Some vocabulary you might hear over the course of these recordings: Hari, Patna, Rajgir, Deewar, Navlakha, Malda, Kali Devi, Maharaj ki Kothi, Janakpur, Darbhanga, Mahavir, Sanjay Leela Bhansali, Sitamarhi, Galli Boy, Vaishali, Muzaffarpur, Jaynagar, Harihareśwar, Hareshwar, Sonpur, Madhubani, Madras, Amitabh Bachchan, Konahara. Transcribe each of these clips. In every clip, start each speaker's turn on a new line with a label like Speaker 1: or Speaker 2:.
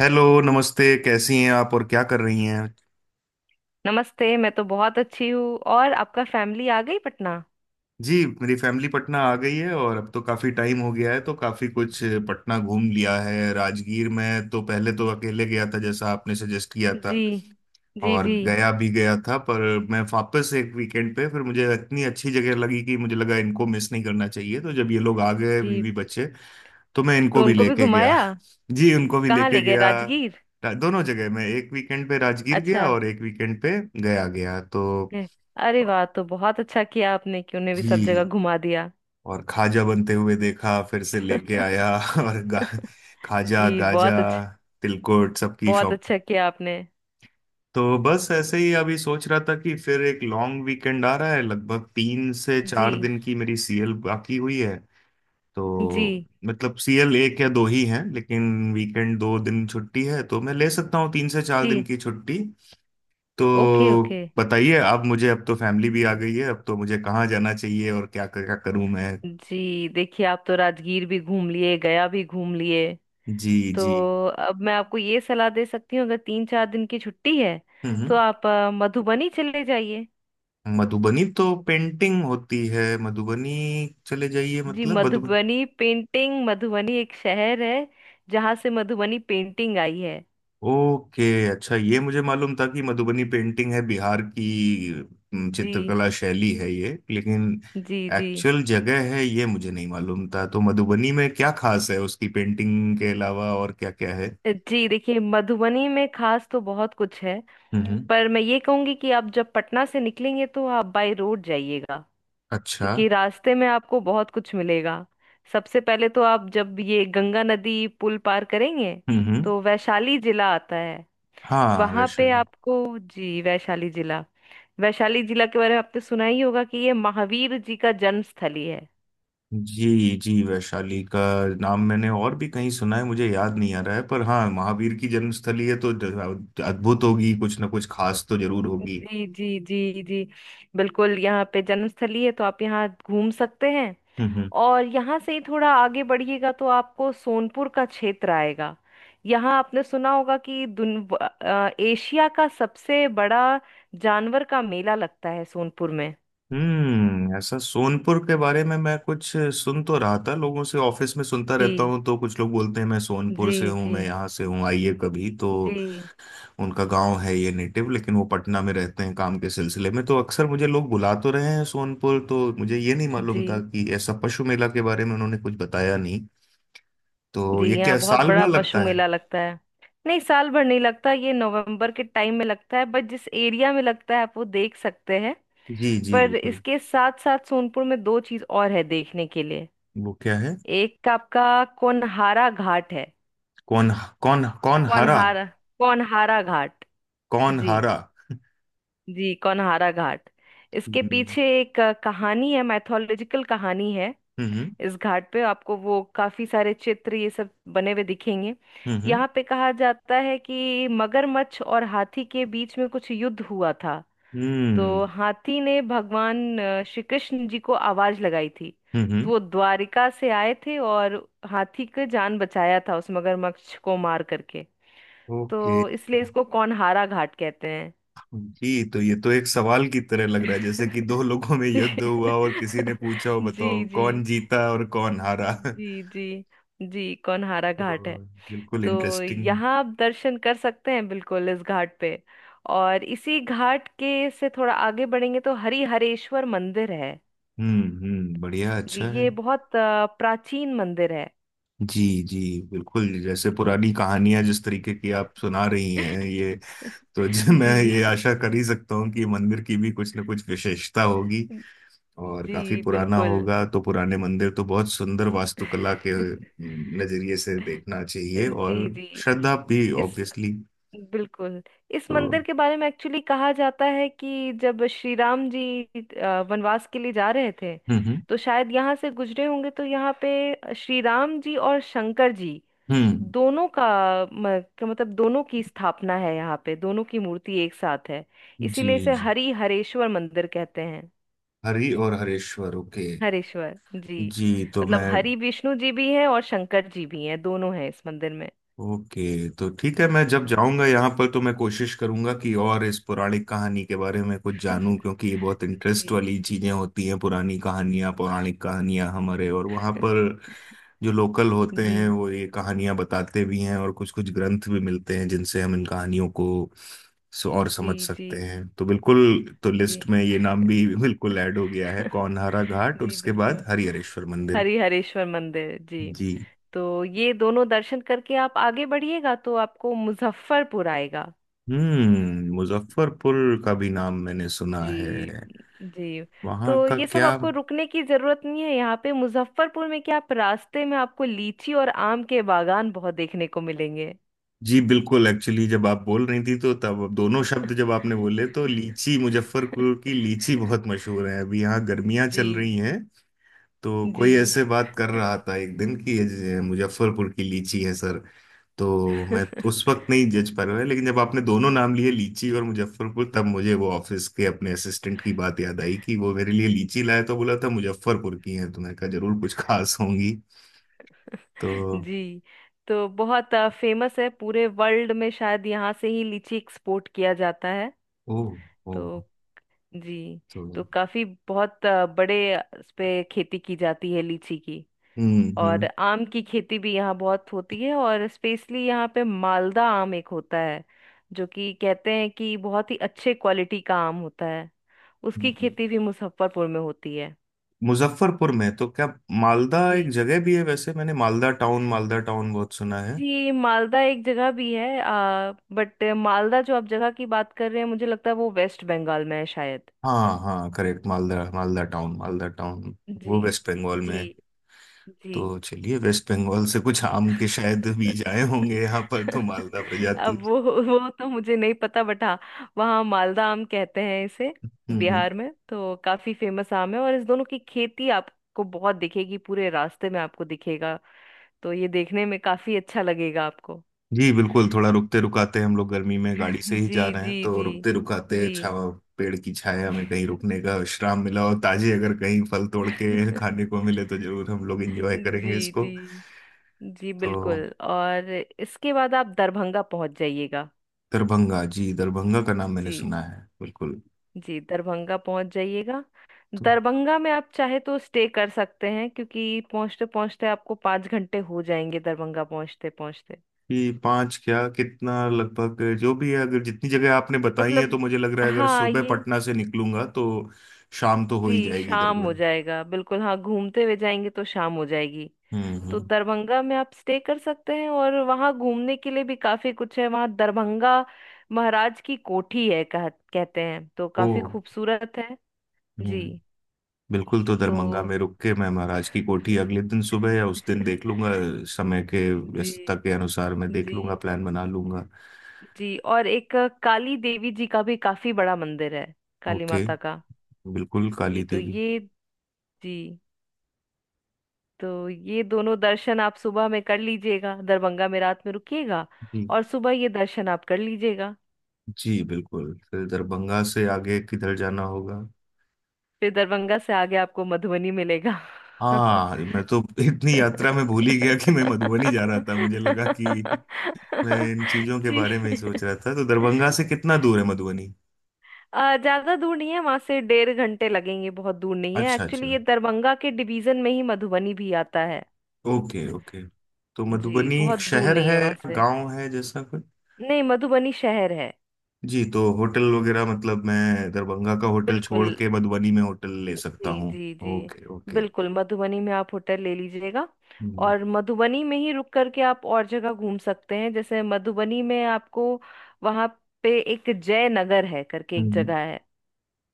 Speaker 1: Hello, नमस्ते। कैसी हैं आप और क्या कर रही हैं?
Speaker 2: नमस्ते, मैं तो बहुत अच्छी हूँ। और आपका फैमिली आ गई पटना?
Speaker 1: जी, मेरी फैमिली पटना आ गई है और अब तो काफ़ी टाइम हो गया है तो काफ़ी कुछ पटना घूम लिया है। राजगीर में तो पहले तो अकेले गया था जैसा आपने सजेस्ट किया था,
Speaker 2: जी। जी
Speaker 1: और
Speaker 2: जी
Speaker 1: गया भी गया था, पर मैं वापस एक वीकेंड पे, फिर मुझे इतनी अच्छी जगह लगी कि मुझे लगा इनको मिस नहीं करना चाहिए, तो जब ये लोग आ गए,
Speaker 2: जी।
Speaker 1: बीवी बच्चे, तो मैं इनको
Speaker 2: तो
Speaker 1: भी
Speaker 2: उनको भी
Speaker 1: लेके गया।
Speaker 2: घुमाया।
Speaker 1: जी, उनको भी
Speaker 2: कहाँ
Speaker 1: लेके
Speaker 2: ले गए,
Speaker 1: गया।
Speaker 2: राजगीर?
Speaker 1: दोनों जगह, मैं एक वीकेंड पे राजगीर गया
Speaker 2: अच्छा।
Speaker 1: और एक वीकेंड पे गया गया तो।
Speaker 2: ए, अरे वाह, तो बहुत अच्छा किया आपने कि उन्हें भी सब जगह
Speaker 1: जी,
Speaker 2: घुमा दिया।
Speaker 1: और खाजा बनते हुए देखा, फिर से लेके आया। और खाजा
Speaker 2: जी, बहुत
Speaker 1: गाजा,
Speaker 2: अच्छा।
Speaker 1: तिलकुट, सबकी
Speaker 2: बहुत
Speaker 1: शॉप।
Speaker 2: अच्छा किया आपने।
Speaker 1: तो बस ऐसे ही अभी सोच रहा था कि फिर एक लॉन्ग वीकेंड आ रहा है। लगभग तीन से
Speaker 2: जी
Speaker 1: चार दिन की मेरी सीएल बाकी हुई है
Speaker 2: जी
Speaker 1: तो। मतलब सीएल एक या दो ही हैं, लेकिन वीकेंड 2 दिन छुट्टी है तो मैं ले सकता हूँ 3 से 4 दिन
Speaker 2: जी।
Speaker 1: की छुट्टी।
Speaker 2: ओके
Speaker 1: तो
Speaker 2: ओके।
Speaker 1: बताइए अब मुझे, अब तो फैमिली भी आ गई है, अब तो मुझे कहाँ जाना चाहिए और क्या क्या करूँ मैं?
Speaker 2: जी देखिए, आप तो राजगीर भी घूम लिए, गया भी घूम लिए,
Speaker 1: जी।
Speaker 2: तो
Speaker 1: जी।
Speaker 2: अब मैं आपको ये सलाह दे सकती हूँ, अगर 3 4 दिन की छुट्टी है तो
Speaker 1: हम्म।
Speaker 2: आप मधुबनी चले जाइए।
Speaker 1: हम्म। मधुबनी तो पेंटिंग होती है मधुबनी। चले जाइए
Speaker 2: जी
Speaker 1: मतलब मधुबनी?
Speaker 2: मधुबनी पेंटिंग, मधुबनी एक शहर है जहाँ से मधुबनी पेंटिंग आई है।
Speaker 1: ओके। अच्छा, ये मुझे मालूम था कि मधुबनी पेंटिंग है बिहार की।
Speaker 2: जी।
Speaker 1: चित्रकला शैली है ये, लेकिन
Speaker 2: जी जी।
Speaker 1: एक्चुअल जगह है ये मुझे नहीं मालूम था। तो मधुबनी में क्या खास है उसकी पेंटिंग के अलावा, और क्या क्या है?
Speaker 2: जी देखिए, मधुबनी में खास तो बहुत कुछ है,
Speaker 1: हम्म।
Speaker 2: पर मैं ये कहूंगी कि आप जब पटना से निकलेंगे तो आप बाय रोड जाइएगा,
Speaker 1: अच्छा।
Speaker 2: क्योंकि रास्ते में आपको बहुत कुछ मिलेगा। सबसे पहले तो आप जब ये गंगा नदी पुल पार करेंगे
Speaker 1: हम्म। हम्म।
Speaker 2: तो वैशाली जिला आता है।
Speaker 1: हाँ,
Speaker 2: वहां पे
Speaker 1: वैशाली।
Speaker 2: आपको, जी वैशाली जिला, वैशाली जिला के बारे में आपने सुना ही होगा कि ये महावीर जी का जन्मस्थली है।
Speaker 1: जी जी, वैशाली का नाम मैंने और भी कहीं सुना है, मुझे याद नहीं आ रहा है, पर हाँ, महावीर की जन्मस्थली है तो अद्भुत होगी, कुछ ना कुछ खास तो जरूर होगी।
Speaker 2: जी जी जी जी। बिल्कुल, यहाँ पे जन्मस्थली है तो आप यहाँ घूम सकते हैं।
Speaker 1: हम्म। हम्म।
Speaker 2: और यहाँ से ही थोड़ा आगे बढ़िएगा तो आपको सोनपुर का क्षेत्र आएगा। यहाँ आपने सुना होगा कि एशिया का सबसे बड़ा जानवर का मेला लगता है सोनपुर में।
Speaker 1: ऐसा सोनपुर के बारे में मैं कुछ सुन तो रहा था, लोगों से ऑफिस में सुनता रहता
Speaker 2: जी
Speaker 1: हूँ, तो कुछ लोग बोलते हैं मैं सोनपुर
Speaker 2: जी
Speaker 1: से हूँ,
Speaker 2: जी।
Speaker 1: मैं यहाँ से हूँ, आइए कभी तो।
Speaker 2: जी
Speaker 1: उनका गांव है ये, नेटिव, लेकिन वो पटना में रहते हैं काम के सिलसिले में, तो अक्सर मुझे लोग बुला तो रहे हैं सोनपुर, तो मुझे ये नहीं
Speaker 2: जी।
Speaker 1: मालूम था कि ऐसा पशु मेला के बारे में उन्होंने कुछ बताया नहीं। तो
Speaker 2: जी,
Speaker 1: ये
Speaker 2: यहाँ
Speaker 1: क्या
Speaker 2: बहुत
Speaker 1: साल
Speaker 2: बड़ा
Speaker 1: भर
Speaker 2: पशु
Speaker 1: लगता है?
Speaker 2: मेला लगता है। नहीं, साल भर नहीं लगता, ये नवंबर के टाइम में लगता है, बट जिस एरिया में लगता है आप वो देख सकते हैं।
Speaker 1: जी जी,
Speaker 2: पर
Speaker 1: बिल्कुल।
Speaker 2: इसके साथ साथ सोनपुर में दो चीज और है देखने के लिए।
Speaker 1: वो क्या है?
Speaker 2: एक आपका कोनहारा घाट है।
Speaker 1: कौन? कौन कौन हारा?
Speaker 2: कोनहारा, कोनहारा घाट।
Speaker 1: कौन
Speaker 2: जी।
Speaker 1: हारा?
Speaker 2: जी कोनहारा घाट। इसके
Speaker 1: हम्म।
Speaker 2: पीछे एक कहानी है, मैथोलॉजिकल कहानी है।
Speaker 1: हम्म।
Speaker 2: इस घाट पे आपको वो काफी सारे चित्र, ये सब बने हुए दिखेंगे।
Speaker 1: हम्म। हम्म।
Speaker 2: यहाँ पे कहा जाता है कि मगरमच्छ और हाथी के बीच में कुछ युद्ध हुआ था।
Speaker 1: हम्म।
Speaker 2: तो हाथी ने भगवान श्री कृष्ण जी को आवाज लगाई थी।
Speaker 1: हम्म,
Speaker 2: तो
Speaker 1: हम्म।
Speaker 2: वो द्वारिका से आए थे और हाथी की जान बचाया था, उस मगरमच्छ को मार करके।
Speaker 1: ओके।
Speaker 2: तो इसलिए इसको कौनहारा घाट कहते हैं।
Speaker 1: जी, तो ये तो एक सवाल की तरह लग रहा है जैसे कि दो लोगों में युद्ध हुआ और किसी ने पूछा हो
Speaker 2: जी
Speaker 1: बताओ
Speaker 2: जी।
Speaker 1: कौन जीता और कौन हारा।
Speaker 2: जी जी। जी कौनहारा घाट है।
Speaker 1: तो बिल्कुल
Speaker 2: तो
Speaker 1: इंटरेस्टिंग।
Speaker 2: यहाँ आप दर्शन कर सकते हैं बिल्कुल, इस घाट पे। और इसी घाट के से थोड़ा आगे बढ़ेंगे तो हरिहरेश्वर मंदिर है।
Speaker 1: हम्म, बढ़िया,
Speaker 2: जी,
Speaker 1: अच्छा है।
Speaker 2: ये बहुत प्राचीन मंदिर है।
Speaker 1: जी जी, बिल्कुल। जैसे
Speaker 2: जी।
Speaker 1: पुरानी कहानियां जिस तरीके की आप सुना रही हैं ये, तो जी, मैं
Speaker 2: जी।
Speaker 1: ये आशा कर ही सकता हूँ कि मंदिर की भी कुछ ना कुछ विशेषता होगी और
Speaker 2: जी
Speaker 1: काफी पुराना
Speaker 2: बिल्कुल।
Speaker 1: होगा, तो पुराने मंदिर तो बहुत सुंदर वास्तुकला के नजरिए से देखना चाहिए, और
Speaker 2: जी जी।
Speaker 1: श्रद्धा भी
Speaker 2: इस
Speaker 1: ऑब्वियसली।
Speaker 2: बिल्कुल, इस
Speaker 1: तो
Speaker 2: मंदिर के बारे में एक्चुअली कहा जाता है कि जब श्री राम जी वनवास के लिए जा रहे थे
Speaker 1: हम्म। हम्म।
Speaker 2: तो शायद यहाँ से गुजरे होंगे, तो यहाँ पे श्री राम जी और शंकर जी
Speaker 1: हम्म,
Speaker 2: दोनों का का मतलब दोनों की स्थापना है, यहाँ पे दोनों की मूर्ति एक साथ है।
Speaker 1: जी
Speaker 2: इसीलिए इसे
Speaker 1: जी।
Speaker 2: हरि हरेश्वर मंदिर कहते हैं।
Speaker 1: हरि और हरेश्वर, ओके।
Speaker 2: हरेश्वर। जी,
Speaker 1: जी तो
Speaker 2: मतलब
Speaker 1: मैं,
Speaker 2: हरि विष्णु जी भी हैं और शंकर जी भी हैं, दोनों हैं इस मंदिर में।
Speaker 1: ओके, तो ठीक है, मैं जब
Speaker 2: जी।
Speaker 1: जाऊंगा यहाँ पर तो मैं कोशिश करूंगा कि और इस पौराणिक कहानी के बारे में कुछ जानूं, क्योंकि ये बहुत इंटरेस्ट
Speaker 2: जी
Speaker 1: वाली
Speaker 2: जी
Speaker 1: चीजें होती हैं, पुरानी
Speaker 2: जी।
Speaker 1: कहानियां, पौराणिक कहानियां, हमारे और वहाँ पर जो लोकल होते
Speaker 2: जी
Speaker 1: हैं वो ये कहानियां बताते भी हैं, और कुछ कुछ ग्रंथ भी मिलते हैं जिनसे हम इन कहानियों को और
Speaker 2: जी
Speaker 1: समझ
Speaker 2: जी
Speaker 1: सकते हैं। तो बिल्कुल, तो लिस्ट
Speaker 2: जी।
Speaker 1: में ये नाम भी बिल्कुल ऐड हो गया है, कौनहारा घाट और
Speaker 2: जी
Speaker 1: उसके बाद
Speaker 2: बिल्कुल,
Speaker 1: हरिहरेश्वर मंदिर।
Speaker 2: हरिहरेश्वर मंदिर जी।
Speaker 1: जी।
Speaker 2: तो ये दोनों दर्शन करके आप आगे बढ़िएगा तो आपको मुजफ्फरपुर आएगा।
Speaker 1: हम्म, मुजफ्फरपुर का भी नाम मैंने सुना है।
Speaker 2: जी जी। तो
Speaker 1: वहां का
Speaker 2: ये सब
Speaker 1: क्या?
Speaker 2: आपको रुकने की जरूरत नहीं है, यहाँ पे मुजफ्फरपुर में क्या, आप रास्ते में, आपको लीची और आम के बागान बहुत देखने को मिलेंगे।
Speaker 1: जी, बिल्कुल। एक्चुअली जब आप बोल रही थी तो तब अब दोनों शब्द जब आपने बोले तो लीची, मुजफ्फरपुर की लीची बहुत मशहूर है। अभी यहाँ गर्मियाँ चल
Speaker 2: जी
Speaker 1: रही हैं, तो
Speaker 2: जी।
Speaker 1: कोई ऐसे बात कर रहा था एक दिन कि ये जो मुजफ्फरपुर की लीची है, सर, तो मैं उस वक्त नहीं जज पा रहा, लेकिन जब आपने दोनों नाम लिए, लीची और मुजफ्फरपुर, तब मुझे वो ऑफिस के अपने असिस्टेंट की बात याद आई कि वो मेरे लिए लीची लाए तो बोला था मुजफ्फरपुर की है, तो मैंने कहा जरूर कुछ खास होंगी। तो
Speaker 2: जी, तो बहुत फेमस है पूरे वर्ल्ड में, शायद यहाँ से ही लीची एक्सपोर्ट किया जाता है।
Speaker 1: ओ। ओ।
Speaker 2: तो जी।
Speaker 1: तो
Speaker 2: तो काफी बहुत बड़े इस पे खेती की जाती है लीची की।
Speaker 1: हम्म।
Speaker 2: और
Speaker 1: हम्म।
Speaker 2: आम की खेती भी यहाँ बहुत होती है, और स्पेशली यहाँ पे मालदा आम एक होता है, जो कि कहते हैं कि बहुत ही अच्छे क्वालिटी का आम होता है। उसकी
Speaker 1: हम्म।
Speaker 2: खेती भी मुजफ्फरपुर में होती है।
Speaker 1: मुजफ्फरपुर में तो क्या, मालदा
Speaker 2: जी
Speaker 1: एक जगह भी है वैसे। मैंने मालदा टाउन, मालदा टाउन बहुत सुना।
Speaker 2: जी, मालदा एक जगह भी है, बट मालदा जो आप जगह की बात कर रहे हैं, मुझे लगता है वो वेस्ट बंगाल में है शायद।
Speaker 1: हाँ हाँ, करेक्ट, मालदा, मालदा टाउन
Speaker 2: जी
Speaker 1: वो वेस्ट बंगाल में
Speaker 2: जी
Speaker 1: है।
Speaker 2: जी।
Speaker 1: तो चलिए, वेस्ट बंगाल से कुछ आम के शायद बीज आए होंगे यहाँ पर, तो मालदा प्रजाति।
Speaker 2: अब वो तो मुझे नहीं पता, बट हाँ, वहाँ मालदा आम कहते हैं इसे।
Speaker 1: हम्म। हम्म।
Speaker 2: बिहार में तो काफी फेमस आम है और इस दोनों की खेती आपको बहुत दिखेगी, पूरे रास्ते में आपको दिखेगा। तो ये देखने में काफी अच्छा लगेगा आपको।
Speaker 1: जी, बिल्कुल। थोड़ा रुकते रुकाते, हम लोग गर्मी में गाड़ी से ही
Speaker 2: जी
Speaker 1: जा रहे हैं,
Speaker 2: जी
Speaker 1: तो
Speaker 2: जी
Speaker 1: रुकते रुकाते
Speaker 2: जी।
Speaker 1: छावा पेड़ की छाया में कहीं रुकने का विश्राम मिला और ताजे अगर कहीं फल तोड़ के खाने को मिले तो जरूर हम लोग एंजॉय करेंगे
Speaker 2: जी
Speaker 1: इसको।
Speaker 2: जी जी
Speaker 1: तो
Speaker 2: बिल्कुल और इसके बाद आप दरभंगा पहुंच जाइएगा।
Speaker 1: दरभंगा। जी, दरभंगा का नाम मैंने
Speaker 2: जी।
Speaker 1: सुना है बिल्कुल।
Speaker 2: जी दरभंगा पहुंच जाइएगा।
Speaker 1: तो
Speaker 2: दरभंगा में आप चाहे तो स्टे कर सकते हैं, क्योंकि पहुंचते पहुंचते आपको 5 घंटे हो जाएंगे, दरभंगा पहुंचते पहुंचते।
Speaker 1: कि पांच क्या कितना लगभग जो भी है, अगर जितनी जगह आपने बताई है,
Speaker 2: मतलब
Speaker 1: तो मुझे लग रहा है अगर
Speaker 2: हाँ,
Speaker 1: सुबह
Speaker 2: ये
Speaker 1: पटना से निकलूंगा तो शाम तो हो ही
Speaker 2: जी,
Speaker 1: जाएगी
Speaker 2: शाम हो
Speaker 1: दरमियान।
Speaker 2: जाएगा बिल्कुल, हाँ घूमते हुए जाएंगे तो शाम हो जाएगी।
Speaker 1: हम्म।
Speaker 2: तो
Speaker 1: हम्म।
Speaker 2: दरभंगा में आप स्टे कर सकते हैं और वहाँ घूमने के लिए भी काफी कुछ है। वहाँ दरभंगा महाराज की कोठी है, कहते हैं तो
Speaker 1: ओ।
Speaker 2: काफी खूबसूरत है। जी
Speaker 1: हम्म। बिल्कुल, तो दरभंगा
Speaker 2: तो।
Speaker 1: में रुक के मैं महाराज की कोठी अगले दिन सुबह या उस दिन देख लूंगा, समय के
Speaker 2: जी
Speaker 1: व्यस्तता के अनुसार मैं देख
Speaker 2: जी
Speaker 1: लूंगा, प्लान बना लूंगा।
Speaker 2: जी। और एक काली देवी जी का भी काफी बड़ा मंदिर है, काली
Speaker 1: ओके।
Speaker 2: माता का।
Speaker 1: बिल्कुल,
Speaker 2: जी
Speaker 1: काली
Speaker 2: तो
Speaker 1: देवी।
Speaker 2: ये, जी तो ये दोनों दर्शन आप सुबह में कर लीजिएगा, दरभंगा में रात में रुकिएगा
Speaker 1: जी
Speaker 2: और सुबह ये दर्शन आप कर लीजिएगा।
Speaker 1: जी, बिल्कुल। फिर दरभंगा से आगे किधर जाना होगा?
Speaker 2: फिर दरभंगा से आगे आपको मधुबनी मिलेगा।
Speaker 1: हाँ, मैं तो इतनी यात्रा में भूल ही गया कि मैं मधुबनी जा रहा था, मुझे लगा कि मैं इन चीजों के
Speaker 2: जी,
Speaker 1: बारे में ही सोच रहा था। तो दरभंगा से कितना दूर है मधुबनी?
Speaker 2: ज्यादा दूर नहीं है, वहां से 1.5 घंटे लगेंगे, बहुत दूर नहीं है,
Speaker 1: अच्छा अच्छा।
Speaker 2: एक्चुअली ये दरभंगा के डिवीजन में ही मधुबनी भी आता है।
Speaker 1: Okay okay. तो
Speaker 2: जी,
Speaker 1: मधुबनी एक
Speaker 2: बहुत दूर
Speaker 1: शहर
Speaker 2: नहीं है
Speaker 1: है,
Speaker 2: वहां से।
Speaker 1: गांव है, जैसा कुछ?
Speaker 2: नहीं, मधुबनी शहर है।
Speaker 1: जी, तो होटल वगैरह मतलब मैं दरभंगा का होटल छोड़
Speaker 2: बिल्कुल।
Speaker 1: के मधुबनी में होटल ले सकता
Speaker 2: जी
Speaker 1: हूँ?
Speaker 2: जी जी
Speaker 1: ओके ओके।
Speaker 2: बिल्कुल, मधुबनी में आप होटल ले लीजिएगा।
Speaker 1: हम्म।
Speaker 2: और मधुबनी में ही रुक करके आप और जगह घूम सकते हैं। जैसे मधुबनी में आपको वहां पे एक जय नगर है करके, एक
Speaker 1: हम्म।
Speaker 2: जगह है,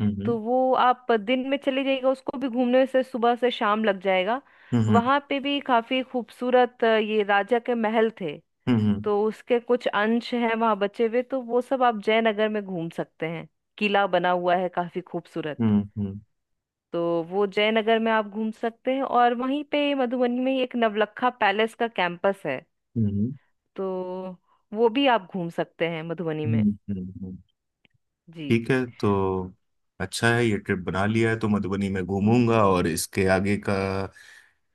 Speaker 1: हम्म।
Speaker 2: तो वो आप दिन में चले जाइएगा, उसको भी घूमने से सुबह से शाम लग जाएगा।
Speaker 1: हम्म।
Speaker 2: वहां पे भी काफी खूबसूरत ये राजा के महल थे,
Speaker 1: हम्म।
Speaker 2: तो उसके कुछ अंश हैं वहां बचे हुए, तो वो सब आप जयनगर में घूम सकते हैं। किला बना हुआ है, काफी खूबसूरत।
Speaker 1: हम्म। हम्म।
Speaker 2: तो वो जयनगर में आप घूम सकते हैं। और वहीं पे मधुबनी में ही एक नवलखा पैलेस का कैंपस है, तो वो भी आप घूम सकते हैं मधुबनी में।
Speaker 1: हम्म। हम्म।
Speaker 2: जी
Speaker 1: ठीक है, तो अच्छा है, ये ट्रिप बना लिया है, तो मधुबनी में
Speaker 2: जी
Speaker 1: घूमूंगा,
Speaker 2: जी
Speaker 1: और इसके आगे का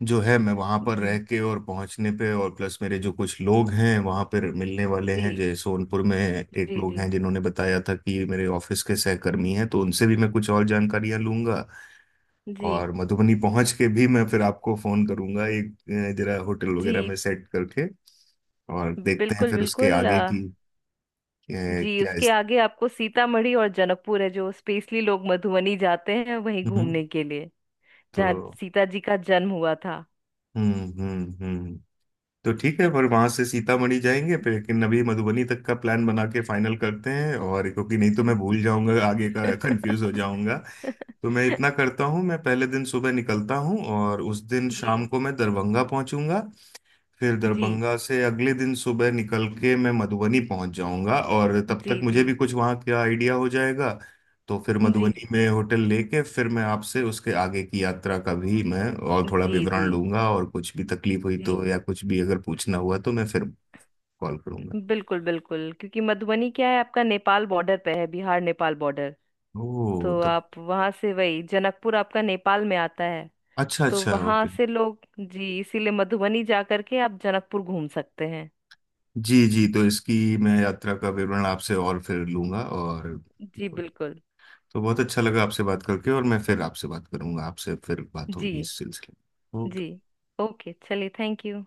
Speaker 1: जो है मैं वहां पर रह
Speaker 2: जी।
Speaker 1: के और पहुंचने पे, और प्लस मेरे जो कुछ लोग हैं वहां पर मिलने वाले हैं,
Speaker 2: जी
Speaker 1: जैसे सोनपुर में एक लोग हैं
Speaker 2: जी
Speaker 1: जिन्होंने बताया था कि ये मेरे ऑफिस के सहकर्मी हैं, तो उनसे भी मैं कुछ और जानकारियां लूंगा।
Speaker 2: जी
Speaker 1: और मधुबनी पहुंच के भी मैं फिर आपको फोन करूंगा एक, जरा होटल
Speaker 2: जी
Speaker 1: वगैरह में सेट करके, और देखते हैं
Speaker 2: बिल्कुल
Speaker 1: फिर उसके
Speaker 2: बिल्कुल।
Speaker 1: आगे की।
Speaker 2: जी,
Speaker 1: क्या
Speaker 2: उसके
Speaker 1: इस,
Speaker 2: आगे आपको सीतामढ़ी और जनकपुर है, जो स्पेशली लोग मधुबनी जाते हैं वहीं
Speaker 1: हम्म।
Speaker 2: घूमने के लिए,
Speaker 1: तो
Speaker 2: जहाँ सीता जी का जन्म हुआ था।
Speaker 1: हम्म। हम्म। हम्म। तो
Speaker 2: जी।
Speaker 1: ठीक है, पर वहां से सीतामढ़ी जाएंगे फिर, लेकिन अभी मधुबनी तक का प्लान बना के फाइनल करते हैं, और क्योंकि नहीं तो मैं भूल जाऊंगा, आगे का कंफ्यूज हो जाऊंगा। तो मैं इतना करता हूँ, मैं पहले दिन सुबह निकलता हूँ और उस दिन शाम
Speaker 2: जी
Speaker 1: को मैं दरभंगा पहुंचूंगा। फिर
Speaker 2: जी
Speaker 1: दरभंगा से अगले दिन सुबह निकल के मैं मधुबनी पहुंच जाऊंगा, और तब तक
Speaker 2: जी
Speaker 1: मुझे
Speaker 2: जी।
Speaker 1: भी कुछ वहां का आइडिया हो जाएगा। तो फिर
Speaker 2: जी
Speaker 1: मधुबनी में होटल लेके फिर मैं आपसे उसके आगे की यात्रा का भी मैं और थोड़ा
Speaker 2: जी जी
Speaker 1: विवरण लूंगा, और कुछ भी तकलीफ हुई तो
Speaker 2: जी
Speaker 1: या कुछ भी अगर पूछना हुआ तो मैं फिर कॉल करूंगा।
Speaker 2: बिल्कुल बिल्कुल, क्योंकि मधुबनी क्या है, आपका नेपाल बॉर्डर पे है, बिहार नेपाल बॉर्डर।
Speaker 1: ओह
Speaker 2: तो
Speaker 1: तब।
Speaker 2: आप वहां से, वही जनकपुर आपका नेपाल में आता है।
Speaker 1: अच्छा
Speaker 2: तो
Speaker 1: अच्छा,
Speaker 2: वहां
Speaker 1: ओके।
Speaker 2: से लोग जी, इसीलिए मधुबनी जा करके आप जनकपुर घूम सकते हैं।
Speaker 1: जी जी, तो इसकी मैं यात्रा का विवरण आपसे और फिर लूंगा और
Speaker 2: जी
Speaker 1: बिल्कुल।
Speaker 2: बिल्कुल।
Speaker 1: तो बहुत अच्छा लगा आपसे बात करके, और मैं फिर आपसे बात करूंगा, आपसे फिर बात
Speaker 2: जी
Speaker 1: होगी इस सिलसिले में।
Speaker 2: जी।
Speaker 1: ओके।
Speaker 2: ओके चलिए, थैंक यू।